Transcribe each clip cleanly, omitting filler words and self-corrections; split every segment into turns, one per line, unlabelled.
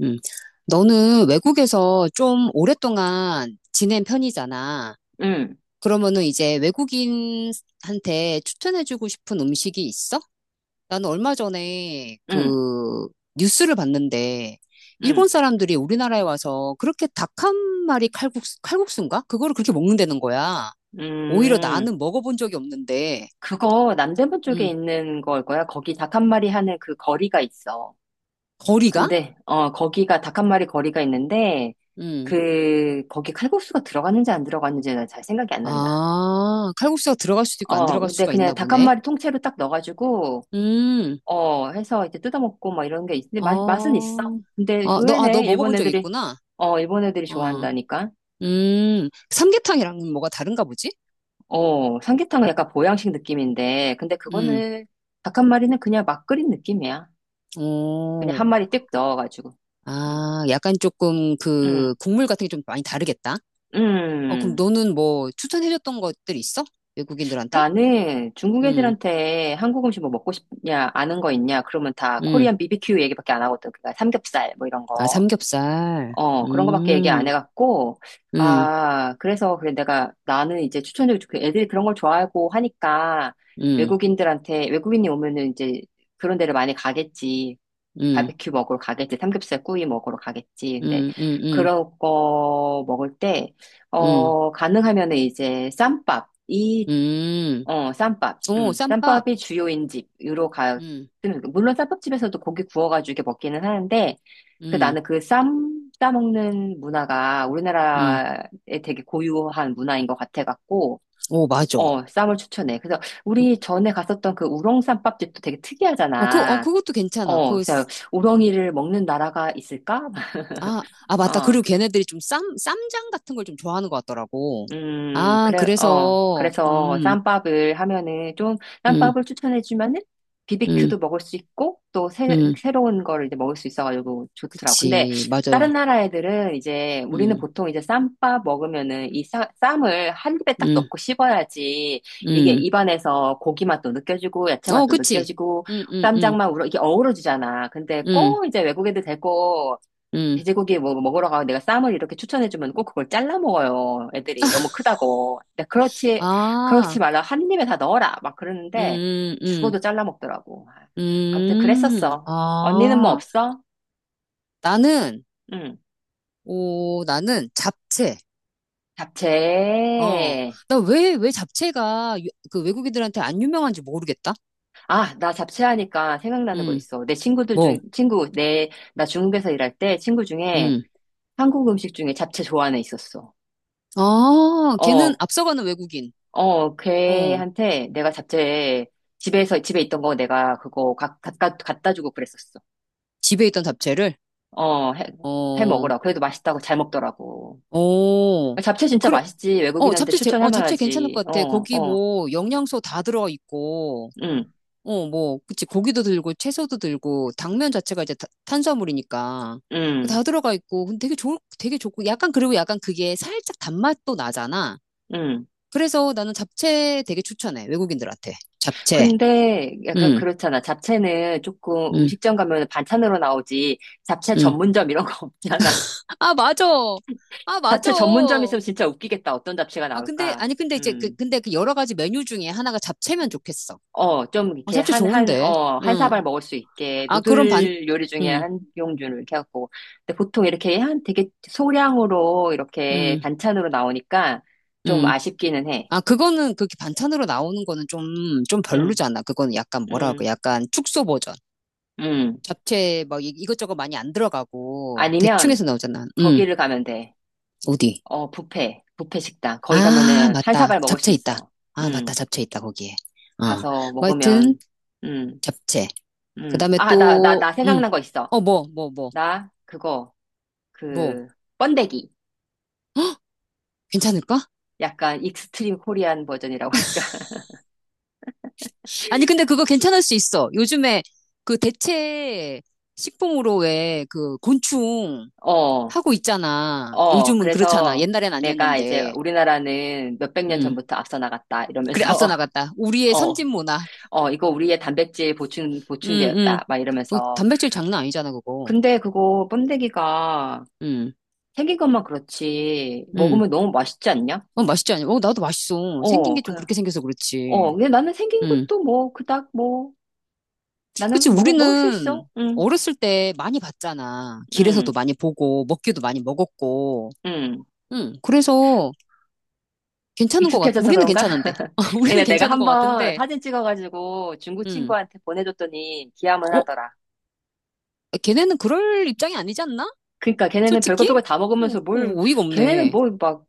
음. 너는 외국에서 좀 오랫동안 지낸 편이잖아.
응,
그러면은 이제 외국인한테 추천해주고 싶은 음식이 있어? 나는 얼마 전에
응,
그 뉴스를 봤는데 일본
응,
사람들이 우리나라에 와서 그렇게 닭 한 마리 칼국수, 칼국수인가? 그거를 그렇게 먹는다는 거야. 오히려
음.
나는 먹어본 적이 없는데,
그거 남대문 쪽에
음,
있는 걸 거야. 거기 닭 한 마리 하는 그 거리가 있어.
거리가?
근데, 거기가 닭 한 마리 거리가 있는데,
음.
그, 거기 칼국수가 들어갔는지 안 들어갔는지는 잘 생각이 안 난다.
아, 칼국수가 들어갈 수도 있고 안 들어갈
근데
수가
그냥
있나
닭 한
보네.
마리 통째로 딱 넣어가지고,
음.
해서 이제 뜯어먹고 막 이런 게 있는데, 맛, 맛은
어,
있어. 근데
어, 아, 너
의외네, 일본
먹어본 적
애들이,
있구나.
일본 애들이
어,
좋아한다니까.
삼계탕이랑은 뭐가 다른가 보지?
삼계탕은 약간 보양식 느낌인데, 근데
음,
그거는 닭 한 마리는 그냥 막 끓인 느낌이야. 그냥
오,
한 마리 띡 넣어가지고. 응,
아, 약간 조금
응,
그 국물 같은 게 좀 많이 다르겠다. 어, 그럼
응.
너는 뭐 추천해줬던 것들 있어? 외국인들한테?
나는 중국
음,
애들한테 한국 음식 뭐 먹고 싶냐, 아는 거 있냐, 그러면 다
음,
코리안 BBQ 얘기밖에 안 하거든. 그니까 삼겹살 뭐 이런
아,
거.
삼겹살.
그런 거밖에 얘기 안
음,
해갖고,
음,
아, 그래서, 그래, 나는 이제 그 애들이 그런 걸 좋아하고 하니까,
음,
외국인들한테, 외국인이 오면은 이제 그런 데를 많이 가겠지.
음,
바베큐 먹으러 가겠지. 삼겹살 구이 먹으러 가겠지. 근데,
음, 음, 음,
그런 거 먹을 때,
음,
가능하면은 이제 쌈밥. 이
음,
쌈밥.
오, 쌈밥.
쌈밥이 주요인 집으로 가,
음,
물론 쌈밥집에서도 고기 구워가지고 이렇게 먹기는 하는데, 그
음,
나는 싸먹는 문화가
음,
우리나라에 되게 고유한 문화인 것 같아갖고,
오, 맞아. 어,
쌈을 추천해. 그래서 우리 전에 갔었던 그 우렁 쌈밥집도 되게
어,
특이하잖아.
그것도 괜찮아.
그래서 우렁이를 먹는 나라가 있을까?
아, 아, 맞다.
어.
그리고 걔네들이 좀 쌈장 같은 걸 좀 좋아하는 것 같더라고. 아,
그래,
그래서,
그래서 쌈밥을 하면은 좀,
음,
쌈밥을 추천해주면은
음,
비비큐도 먹을 수 있고, 또 새,
음.
새로운 거를 이제 먹을 수 있어가지고 좋더라고. 근데
그치. 맞아.
다른 나라 애들은 이제, 우리는
음,
보통 이제 쌈밥 먹으면은 이 쌈, 쌈을 한 입에 딱
음,
넣고 씹어야지, 이게
음.
입안에서 고기 맛도 느껴지고, 야채
어,
맛도
그치.
느껴지고,
음, 음, 음,
쌈장만 우러, 이게 어우러지잖아. 근데
음,
꼭 이제 외국 애들 데리고,
음.
돼지고기 뭐 먹으러 가고 내가 쌈을 이렇게 추천해주면 꼭 그걸 잘라 먹어요. 애들이 너무 크다고. 근데 그렇지, 그렇지
아,
말라. 한 입에 다 넣어라. 막 그러는데
음, 음,
죽어도 잘라 먹더라고. 아, 아무튼 그랬었어. 언니는 뭐
아,
없어?
나는,
응.
오, 나는 잡채. 어,
잡채.
나 왜 잡채가 그 외국인들한테 안 유명한지 모르겠다.
아, 나 잡채 하니까 생각나는 거
음,
있어. 내 친구들
뭐,
중, 친구, 내, 나 중국에서 일할 때 친구 중에
음.
한국 음식 중에 잡채 좋아하는 애 있었어.
아, 걔는
어,
앞서가는 외국인.
어,
어,
걔한테 내가 잡채 집에서 집에 있던 거 내가 그거 갖다 주고 그랬었어.
집에 있던 잡채를.
어, 해, 해
어,
먹으라. 그래도 맛있다고 잘 먹더라고.
어,
잡채 진짜
그래.
맛있지.
어,
외국인한테 추천할
잡채 괜찮을
만하지.
것 같아.
어,
고기
어,
뭐, 영양소 다 들어가 있고,
응,
어, 뭐, 그치. 고기도 들고, 채소도 들고, 당면 자체가 이제 탄수화물이니까.
응,
다 들어가 있고, 근데 되게 좋고, 약간, 그리고 약간 그게 살짝 단맛도 나잖아.
응.
그래서 나는 잡채 되게 추천해. 외국인들한테. 잡채.
근데 약간
응,
그렇잖아. 잡채는 조금
응,
음식점 가면 반찬으로 나오지. 잡채
응.
전문점 이런 거 없잖아.
아, 맞아. 아, 맞아.
잡채 전문점 있으면 진짜 웃기겠다. 어떤 잡채가
아, 근데,
나올까?
아니, 근데 이제,
응.
근데 그 여러 가지 메뉴 중에 하나가 잡채면 좋겠어.
좀
어,
이렇게
잡채
한, 한,
좋은데.
어, 한
응.
사발 먹을 수 있게
아,
누들 요리 중에
응,
한 종류를 이렇게 하고. 근데 보통 이렇게 한 되게 소량으로 이렇게
응,
반찬으로 나오니까 좀
응.
아쉽기는 해.
아, 그거는 그렇게 반찬으로 나오는 거는 좀, 좀
응,
별로잖아. 그거는 약간 뭐라고,
응,
약간 축소 버전.
응.
잡채 막 이것저것 많이 안 들어가고, 대충 해서
아니면
나오잖아. 응,
거기를 가면 돼.
어디?
뷔페, 뷔페 식당. 거기
아,
가면은 한
맞다.
사발 먹을 수
잡채 있다.
있어.
아, 맞다.
응,
잡채 있다, 거기에. 어.
가서
뭐 하여튼,
먹으면, 응,
잡채. 그
응.
다음에
아, 나, 나,
또,
나
응.
생각난 거 있어.
어, 뭐, 뭐, 뭐,
나,
뭐.
그, 번데기.
괜찮을까?
약간 익스트림 코리안 버전이라고 할까?
아니, 근데 그거 괜찮을 수 있어. 요즘에 그 대체 식품으로 왜 그 곤충
어,
하고 있잖아. 요즘은 그렇잖아.
그래서
옛날엔
내가 이제
아니었는데.
우리나라는 몇백 년
음.
전부터 앞서 나갔다
그래,
이러면서,
앞서 나갔다. 우리의
어,
선진 문화.
이거 우리의 단백질
음, 음.
보충제였다 막
어,
이러면서.
단백질 장난 아니잖아, 그거.
근데 그거 번데기가
음,
생긴 것만 그렇지,
음.
먹으면 너무 맛있지 않냐?
어, 맛있지 않냐? 어, 나도 맛있어. 생긴
어,
게 좀
그,
그렇게 생겨서 그렇지.
근데 나는 생긴
음.
것도 뭐, 그닥 뭐,
그치,
나는 먹을 수
우리는
있어. 응,
어렸을 때 많이 봤잖아. 길에서도
응,
많이 보고, 먹기도 많이 먹었고.
응.
응, 그래서
익숙해져서
우리는
그런가?
괜찮은데. 우리는
근데 내가
괜찮은 것
한번
같은데,
사진 찍어가지고 중국
음.
친구한테 보내줬더니 기함을
어,
하더라.
걔네는 그럴 입장이 아니지 않나?
그러니까 걔네는 별거
솔직히?
별거 다
어,
먹으면서 뭘,
어, 어이가
걔네는
없네.
뭘 막,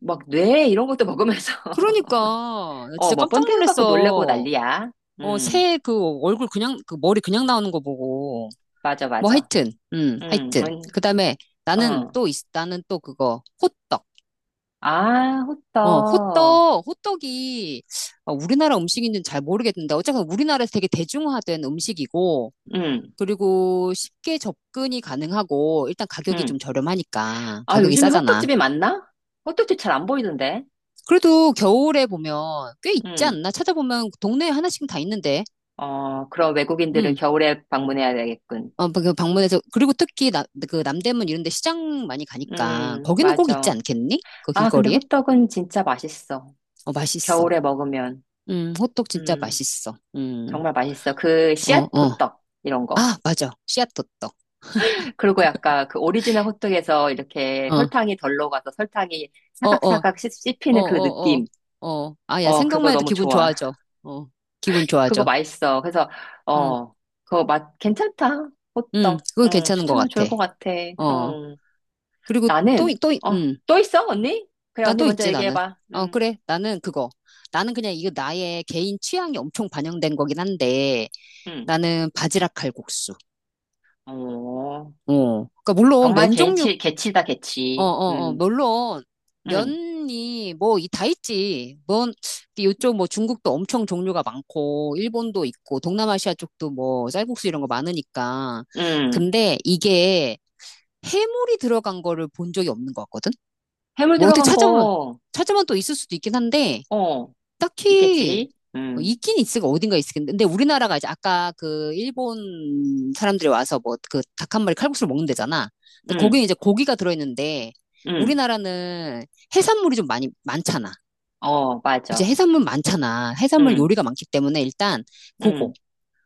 막 뇌 이런 것도 먹으면서.
그러니까, 나 진짜
뭐
깜짝
번데기 갖고 놀래고
놀랐어.
난리야.
어,
음,
새 그 얼굴 그냥, 그 머리 그냥 나오는 거 보고.
맞아,
뭐
맞아.
하여튼,
음,
하여튼.
음,
그 다음에
어.
나는 또 그거, 호떡.
아,
어,
호떡.
호떡이 우리나라 음식인지는 잘 모르겠는데, 어쨌든 우리나라에서 되게 대중화된 음식이고,
음,
그리고 쉽게 접근이 가능하고 일단 가격이
음.
좀 저렴하니까
아,
가격이
요즘에
싸잖아.
호떡집이 많나? 호떡집 잘 안 보이던데.
그래도 겨울에 보면 꽤 있지
음,
않나? 찾아보면 동네에 하나씩은 다 있는데.
그럼 외국인들은
음.
겨울에 방문해야 되겠군.
어, 그 방문해서 그리고 특히 그 남대문 이런 데 시장 많이 가니까 거기는 꼭 있지
맞아.
않겠니? 그
아, 근데
길거리에?
호떡은 진짜 맛있어.
어, 맛있어.
겨울에 먹으면.
호떡 진짜
음,
맛있어. 음.
정말 맛있어. 그
어,
씨앗
어.
호떡, 이런 거.
아, 맞아. 씨앗 호떡.
그리고 약간 그 오리지널 호떡에서 이렇게
어.
설탕이 덜 녹아서 설탕이
어, 어.
사각사각
어,
씹히는 그
어, 어.
느낌.
어. 아, 야,
어, 그거
생각만 해도
너무
기분
좋아.
좋아져. 어. 기분
그거
좋아져.
맛있어. 그래서,
음.
어, 그거 맛, 괜찮다.
응,
호떡.
그거
응,
괜찮은 것
추천하면
같아.
좋을 것 같아.
어.
응.
그리고 또,
나는,
응,
또 있어, 언니? 그래,
나
언니
또
먼저
있지, 나는.
얘기해봐.
어, 그래. 나는 그거. 나는 그냥 이거 나의 개인 취향이 엄청 반영된 거긴 한데,
음.
나는 바지락 칼국수.
어,
어. 그러니까 물론
정말
면 종류,
개치, 개치다,
어,
개치.
어, 어,
음.
물론
응,
면이 뭐 이 다 있지. 뭐 요쪽 뭐 중국도 엄청 종류가 많고, 일본도 있고, 동남아시아 쪽도 뭐 쌀국수 이런 거 많으니까.
응.
근데 이게 해물이 들어간 거를 본 적이 없는 것 같거든.
해물
뭐 어떻게
들어간
찾아보면,
거,
찾보면 또 있을 수도 있긴 한데,
어,
딱히,
있겠지.
어,
응,
있긴 있을까, 어딘가 있을텐데. 근데 우리나라가 이제 아까 그 일본 사람들이 와서 뭐 그 닭 한 마리 칼국수를 먹는 데잖아. 근데
응,
거기는 이제 고기가 들어있는데,
응.
우리나라는 해산물이 좀 많잖아.
어,
그치,
맞아.
해산물 많잖아. 해산물
응,
요리가 많기 때문에 일단,
응,
그거,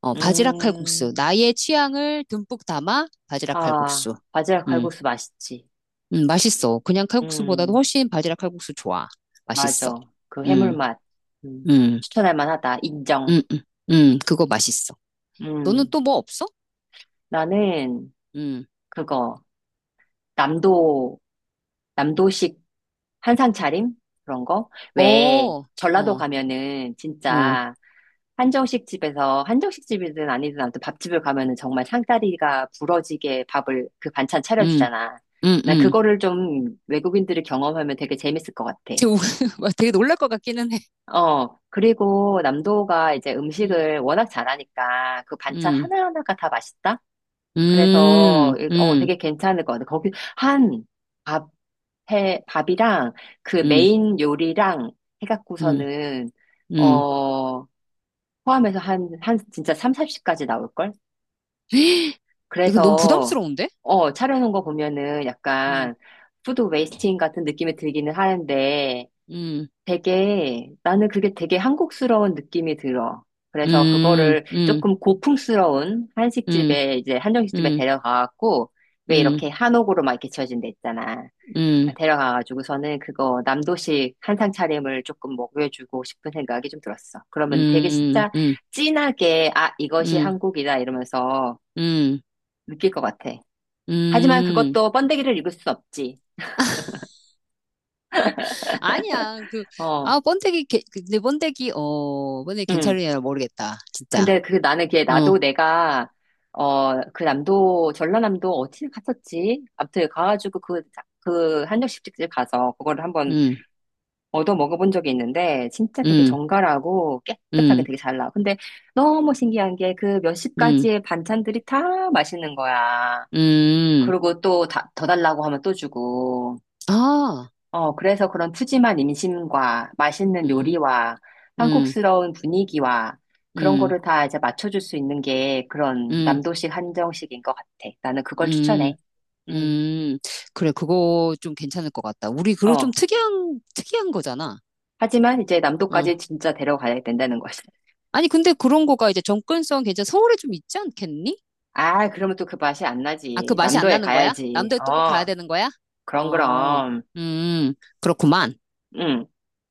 어, 바지락 칼국수.
음.
나의 취향을 듬뿍 담아 바지락
아,
칼국수.
바지락
음.
칼국수 맛있지.
맛있어. 그냥 칼국수보다도
응,
훨씬 바지락 칼국수 좋아. 맛있어.
맞아. 그 해물
음,
맛. 음,
음,
추천할 만하다. 인정.
음, 음, 그거 맛있어. 너는
응.
또 뭐 없어?
나는
음,
그거, 남도 남도식 한상 차림? 그런 거?
어,
왜
어,
전라도
어,
가면은 진짜 한정식 집에서 한정식 집이든 아니든 아무튼 밥집을 가면은 정말 상다리가 부러지게 밥을 그 반찬
음,
차려주잖아.
음,
난
음.
그거를 좀 외국인들이 경험하면 되게 재밌을 것 같아.
되게, 우- 막 되게 놀랄 것 같기는 해.
그리고 남도가 이제
음,
음식을 워낙 잘하니까 그 반찬
음,
하나하나가 다 맛있다? 그래서
음, 음,
되게 괜찮을 것 같아. 거기 한 밥, 밥이랑 그
음,
메인 요리랑
음,
해갖고서는
음.
어 포함해서 한 진짜 3, 4십까지 나올걸?
이거 너무
그래서
부담스러운데?
차려놓은 거 보면은
음,
약간 푸드 웨이스팅 같은 느낌이 들기는 하는데
음,
되게, 나는 그게 되게 한국스러운 느낌이 들어. 그래서
음,
그거를
음,
조금 고풍스러운
음,
한식집에, 이제 한정식집에
음,
데려가갖고, 왜
음,
이렇게 한옥으로 막 이렇게 지어진 데 있잖아.
음,
데려가가지고서는 그거 남도식 한상 차림을 조금 먹여주고 싶은 생각이 좀 들었어. 그러면 되게
음,
진짜
음,
진하게, 아,
음,
이것이
음.
한국이다 이러면서
음.
느낄 것 같아. 하지만
음.
그것도 번데기를 익을 수 없지.
아니야.
어,
아, 번데기, 개- 그, 근데 번데기, 어, 번데기
응.
괜찮으냐 모르겠다. 진짜.
근데 그 나는 그게
어,
나도 내가 그 남도 전라남도 어디 갔었지? 아무튼 가가지고 그 한정식집집 가서 그거를 한번
음,
얻어 먹어본 적이 있는데 진짜 되게
음,
정갈하고 깨끗하게
음,
되게 잘 나와. 근데 너무 신기한 게 그 몇십
음,
가지의 반찬들이 다 맛있는 거야.
음.
그리고 또 다, 더 달라고 하면 또 주고.
아,
어, 그래서 그런 푸짐한 임신과 맛있는
음,
요리와
음,
한국스러운 분위기와 그런
음,
거를 다 이제 맞춰줄 수 있는 게 그런
음,
남도식 한정식인 것 같아. 나는 그걸
음,
추천해. 음,
음. 그래, 그거 좀 괜찮을 것 같다. 우리 그거 좀
어.
특이한, 특이한 거잖아.
하지만 이제 남도까지
어.
진짜 데려가야 된다는 거지.
아니, 근데 그런 거가 이제 접근성 서울에 좀 있지 않겠니?
아, 그러면 또 그 맛이 안
아, 그
나지.
맛이 안
남도에
나는 거야?
가야지.
남도에 또 꼭 가야
어,
되는 거야?
그럼,
어,
그럼.
음, 그렇구만.
음.